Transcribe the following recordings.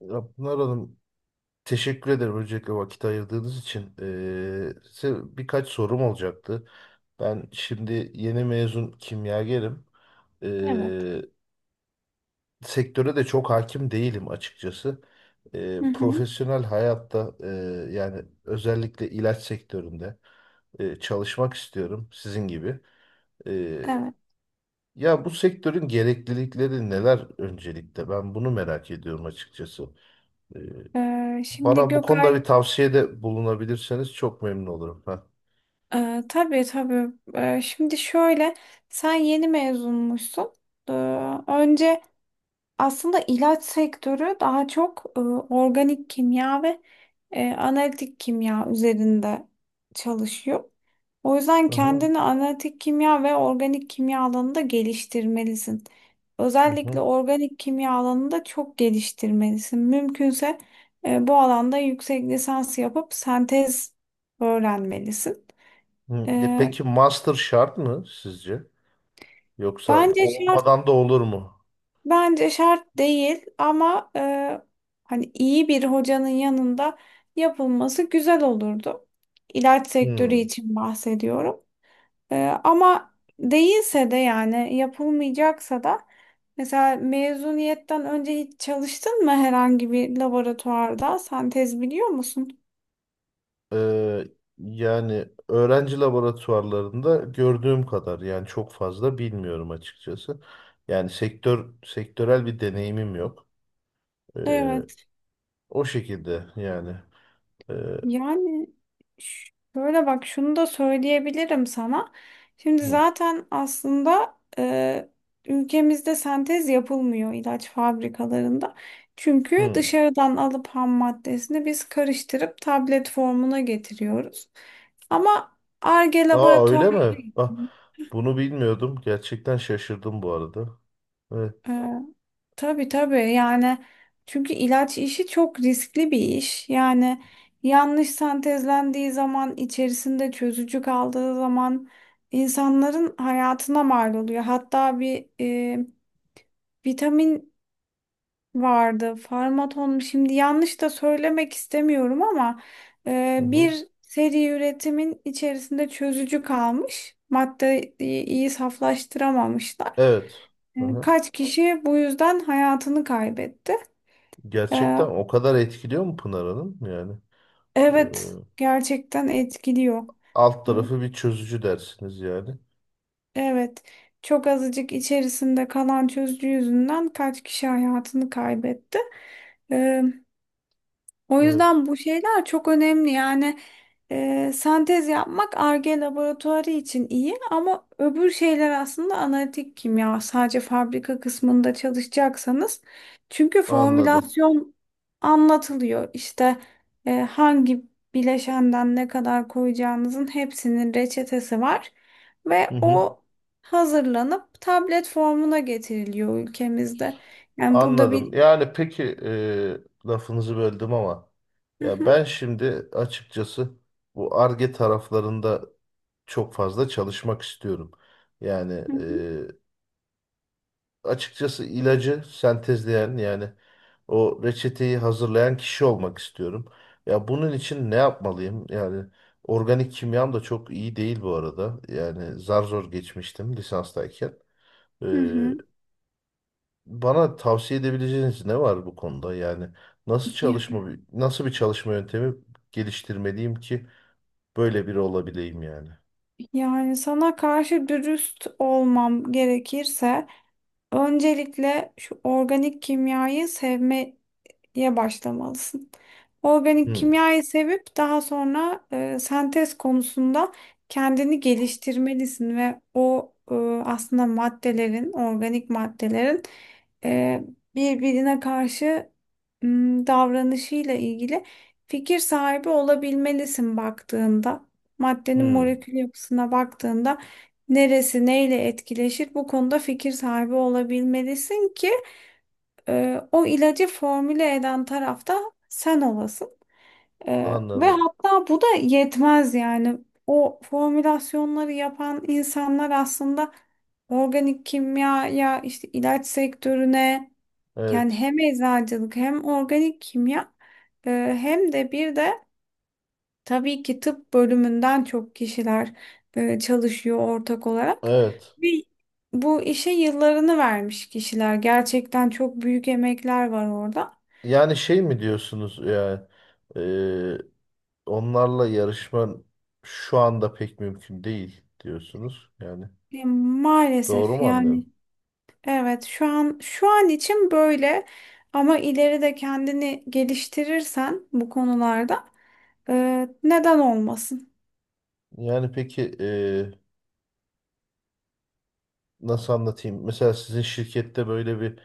Ya Pınar Hanım teşekkür ederim öncelikle vakit ayırdığınız için. Size birkaç sorum olacaktı. Ben şimdi yeni mezun kimyagerim. Evet. Ee, Sektöre de çok hakim değilim açıkçası. Hı hı. Profesyonel hayatta yani özellikle ilaç sektöründe çalışmak istiyorum sizin gibi. Ee, Evet. ya bu sektörün gereklilikleri neler öncelikle? Ben bunu merak ediyorum açıkçası. Ee, Şimdi Bana bu konuda bir Gökay, tavsiyede bulunabilirseniz çok memnun olurum. Heh. Tabii tabii. Şimdi şöyle, sen yeni mezunmuşsun. Ee, önce aslında ilaç sektörü daha çok organik kimya ve analitik kimya üzerinde çalışıyor. O yüzden Aha, kendini analitik kimya ve organik kimya alanında geliştirmelisin. aha. Özellikle Hı. organik kimya alanında çok geliştirmelisin. Mümkünse bu alanda yüksek lisans yapıp sentez öğrenmelisin. Hı. E, E peki master şart mı sizce? Yoksa Bence şart. olmadan da olur mu? Bence şart değil, ama hani iyi bir hocanın yanında yapılması güzel olurdu. İlaç sektörü Hı. için bahsediyorum. E, Ama değilse de, yani yapılmayacaksa da mesela mezuniyetten önce hiç çalıştın mı herhangi bir laboratuvarda? Sen tez biliyor musun? Ee, Yani öğrenci laboratuvarlarında gördüğüm kadar yani çok fazla bilmiyorum açıkçası. Yani sektör sektörel bir deneyimim yok. Ee, Evet. O şekilde yani. Ee, Yani şöyle, bak, şunu da söyleyebilirim sana. Şimdi hı, zaten aslında ülkemizde sentez yapılmıyor ilaç fabrikalarında. Çünkü hı. dışarıdan alıp ham maddesini biz karıştırıp tablet formuna getiriyoruz. Ama Ar-Ge Aa laboratuvar. öyle mi? Bak bunu bilmiyordum. Gerçekten şaşırdım bu arada. Evet. e, Tabii tabii, yani çünkü ilaç işi çok riskli bir iş. Yani yanlış sentezlendiği zaman, içerisinde çözücü kaldığı zaman insanların hayatına mal oluyor. Hatta bir vitamin vardı. Farmaton mu? Şimdi yanlış da söylemek istemiyorum ama Hı hı. bir seri üretimin içerisinde çözücü kalmış. Maddeyi iyi saflaştıramamışlar. Evet. Hı hı. Kaç kişi bu yüzden hayatını kaybetti. E, Gerçekten o kadar etkiliyor mu Pınar Hanım? Yani e, Evet, gerçekten etkiliyor. alt E, tarafı bir çözücü dersiniz yani. Evet, çok azıcık içerisinde kalan çözücü yüzünden kaç kişi hayatını kaybetti. E, O Evet. yüzden bu şeyler çok önemli. Yani sentez yapmak Ar-Ge laboratuvarı için iyi, ama öbür şeyler aslında analitik kimya. Sadece fabrika kısmında çalışacaksanız. Çünkü Anladım. formülasyon anlatılıyor. İşte hangi bileşenden ne kadar koyacağınızın hepsinin reçetesi var. Hı Ve hı. o hazırlanıp tablet formuna getiriliyor ülkemizde. Yani burada Anladım. bir. Yani peki lafınızı böldüm ama Hı ya hı, ben şimdi açıkçası bu Ar-Ge taraflarında çok fazla çalışmak istiyorum. Yani hı hı, e, açıkçası ilacı sentezleyen yani o reçeteyi hazırlayan kişi olmak istiyorum. Ya bunun için ne yapmalıyım? Yani organik kimyam da çok iyi değil bu arada. Yani zar zor geçmiştim lisanstayken. E, hı Bana tavsiye edebileceğiniz ne var bu konuda? Yani nasıl hı. çalışma nasıl bir çalışma yöntemi geliştirmeliyim ki böyle biri olabileyim yani? Yani sana karşı dürüst olmam gerekirse, öncelikle şu organik kimyayı sevme diye başlamalısın. Organik Hmm, kimyayı sevip daha sonra sentez konusunda kendini geliştirmelisin ve o aslında maddelerin, organik maddelerin e, birbirine karşı davranışıyla ilgili fikir sahibi olabilmelisin baktığında. Maddenin hmm, molekül yapısına baktığında neresi neyle etkileşir, bu konuda fikir sahibi olabilmelisin ki o ilacı formüle eden tarafta sen olasın. E, Ve anladım. hatta bu da yetmez, yani. O formülasyonları yapan insanlar aslında organik kimyaya, işte ilaç sektörüne, yani Evet, hem eczacılık, hem organik kimya, e, hem de bir de tabii ki tıp bölümünden çok kişiler çalışıyor ortak olarak. evet. Ve bu işe yıllarını vermiş kişiler. Gerçekten çok büyük emekler var orada. Yani şey mi diyorsunuz yani e, onlarla yarışma şu anda pek mümkün değil diyorsunuz. Yani doğru Maalesef mu yani, anlıyorum? evet, şu an için böyle, ama ileride kendini geliştirirsen bu konularda neden olmasın? Yani peki nasıl anlatayım? Mesela sizin şirkette böyle bir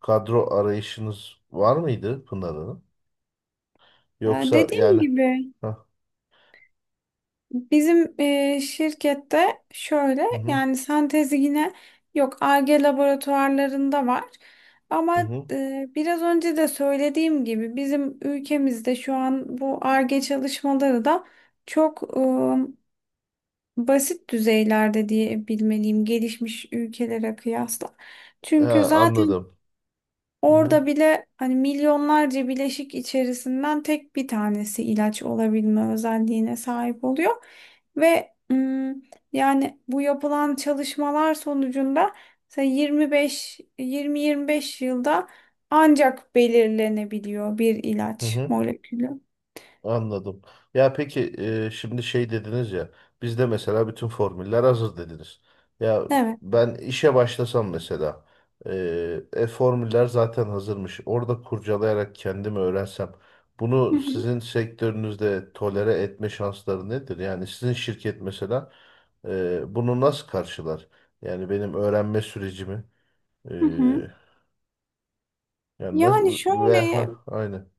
kadro arayışınız var mıydı Pınar Hanım? Yoksa Dediğim yani gibi ha, bizim şirkette şöyle, hı hı, yani sentezi yine yok, Ar-Ge laboratuvarlarında var. hı Ama hı. Biraz önce de söylediğim gibi bizim ülkemizde şu an bu Ar-Ge çalışmaları da çok basit düzeylerde diye bilmeliyim, gelişmiş ülkelere kıyasla. Çünkü Ha, zaten anladım. Hı hı, orada bile hani milyonlarca bileşik içerisinden tek bir tanesi ilaç olabilme özelliğine sahip oluyor. Ve yani bu yapılan çalışmalar sonucunda mesela 25 20-25 yılda ancak belirlenebiliyor bir hı ilaç hı. molekülü. Anladım. Ya peki şimdi şey dediniz ya bizde mesela bütün formüller hazır dediniz. Ya Evet. ben işe başlasam mesela formüller zaten hazırmış. Orada kurcalayarak kendimi öğrensem Hı bunu hı. sizin sektörünüzde tolere etme şansları nedir? Yani sizin şirket mesela bunu nasıl karşılar? Yani benim öğrenme sürecimi. Hı hı. Yani Yani nasıl ve şöyle, ha aynı.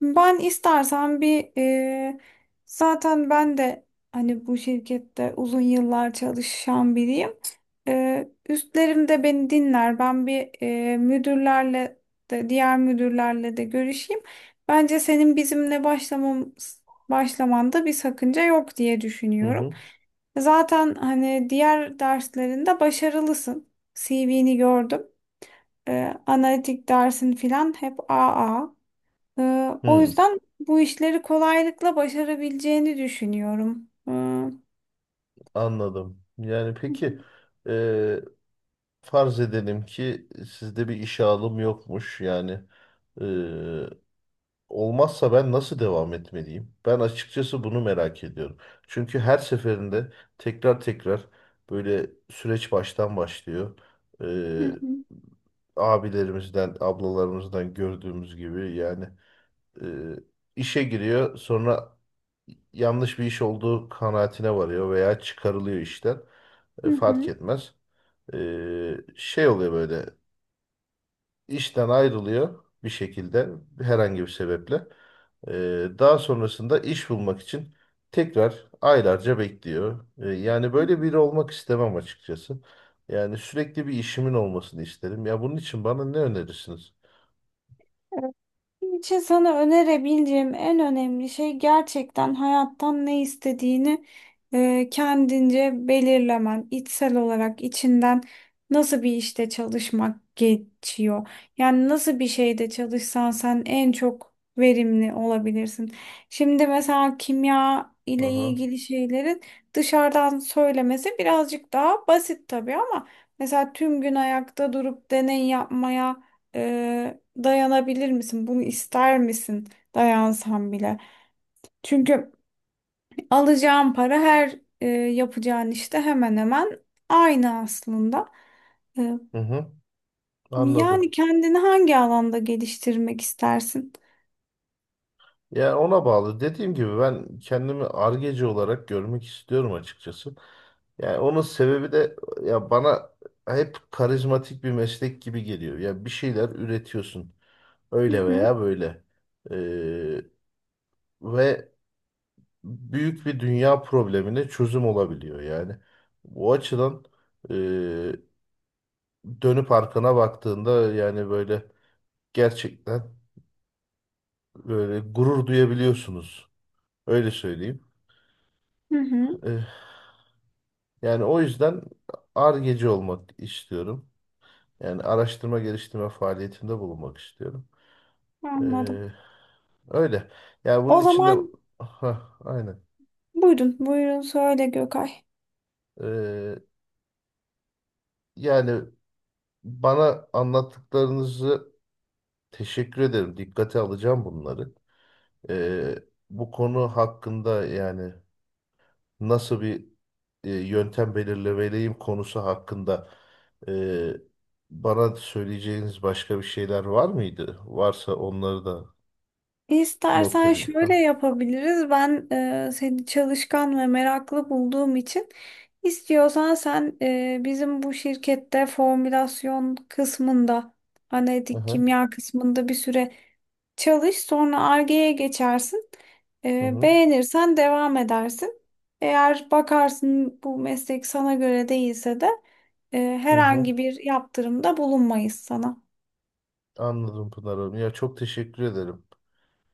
ben istersen bir, zaten ben de hani bu şirkette uzun yıllar çalışan biriyim. Üstlerim de beni dinler. Ben bir müdürlerle de, diğer müdürlerle de görüşeyim. Bence senin bizimle başlamanda bir sakınca yok diye Hı düşünüyorum. hı. Zaten hani diğer derslerinde başarılısın. CV'ni gördüm. Analitik dersin filan hep AA. O Hı, yüzden bu işleri kolaylıkla başarabileceğini düşünüyorum. Hı anladım. Yani peki e, farz edelim ki sizde bir işe alım yokmuş. Yani e, olmazsa ben nasıl devam etmeliyim? Ben açıkçası bunu merak ediyorum. Çünkü her seferinde tekrar tekrar böyle süreç baştan başlıyor. E, hı, Abilerimizden, ablalarımızdan gördüğümüz gibi yani e, işe giriyor sonra yanlış bir iş olduğu kanaatine varıyor veya çıkarılıyor işten. Hı Fark hı. etmez. E, Şey oluyor böyle işten ayrılıyor bir şekilde herhangi bir sebeple. E, Daha sonrasında iş bulmak için tekrar aylarca bekliyor. Yani böyle biri olmak istemem açıkçası. Yani sürekli bir işimin olmasını isterim. Ya bunun için bana ne önerirsiniz? Benim için sana önerebileceğim en önemli şey, gerçekten hayattan ne istediğini kendince belirlemen, içsel olarak içinden nasıl bir işte çalışmak geçiyor. Yani nasıl bir şeyde çalışsan sen en çok verimli olabilirsin. Şimdi mesela kimya Hı ile hı. ilgili şeylerin dışarıdan söylemesi birazcık daha basit tabii, ama mesela tüm gün ayakta durup deney yapmaya dayanabilir misin? Bunu ister misin? Dayansam bile. Çünkü alacağın para her yapacağın işte hemen hemen aynı aslında. Ee, Hı hı. Yani Anladım. kendini hangi alanda geliştirmek istersin? Yani ona bağlı. Dediğim gibi ben kendimi argeci olarak görmek istiyorum açıkçası. Yani onun sebebi de ya bana hep karizmatik bir meslek gibi geliyor. Ya bir şeyler üretiyorsun. Hı Öyle hı, veya böyle. Ee, Ve büyük bir dünya problemine çözüm olabiliyor yani. Bu açıdan e, dönüp arkana baktığında yani böyle gerçekten böyle gurur duyabiliyorsunuz. Öyle söyleyeyim. hı hı, Ee, Yani o yüzden Ar-Ge'ci olmak istiyorum. Yani araştırma geliştirme faaliyetinde bulunmak istiyorum. Ee, anladım. Öyle. Yani bunun O içinde. zaman Hah, aynen. buyurun, buyurun söyle Gökay. Ee, Yani bana anlattıklarınızı teşekkür ederim. Dikkate alacağım bunları. Ee, Bu konu hakkında yani nasıl bir yöntem belirlemeliyim konusu hakkında e, bana söyleyeceğiniz başka bir şeyler var mıydı? Varsa onları da not İstersen edeyim. şöyle Ha. yapabiliriz. Ben seni çalışkan ve meraklı bulduğum için, istiyorsan sen bizim bu şirkette formülasyon kısmında, analitik Aha. kimya kısmında bir süre çalış. Sonra Ar-Ge'ye geçersin. Hı hı. Beğenirsen devam edersin. Eğer bakarsın bu meslek sana göre değilse de Hı hı. Hı. herhangi bir yaptırımda bulunmayız sana. Anladım Pınar Hanım. Ya çok teşekkür ederim.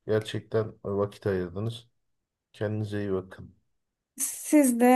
Gerçekten vakit ayırdınız. Kendinize iyi bakın. Siz de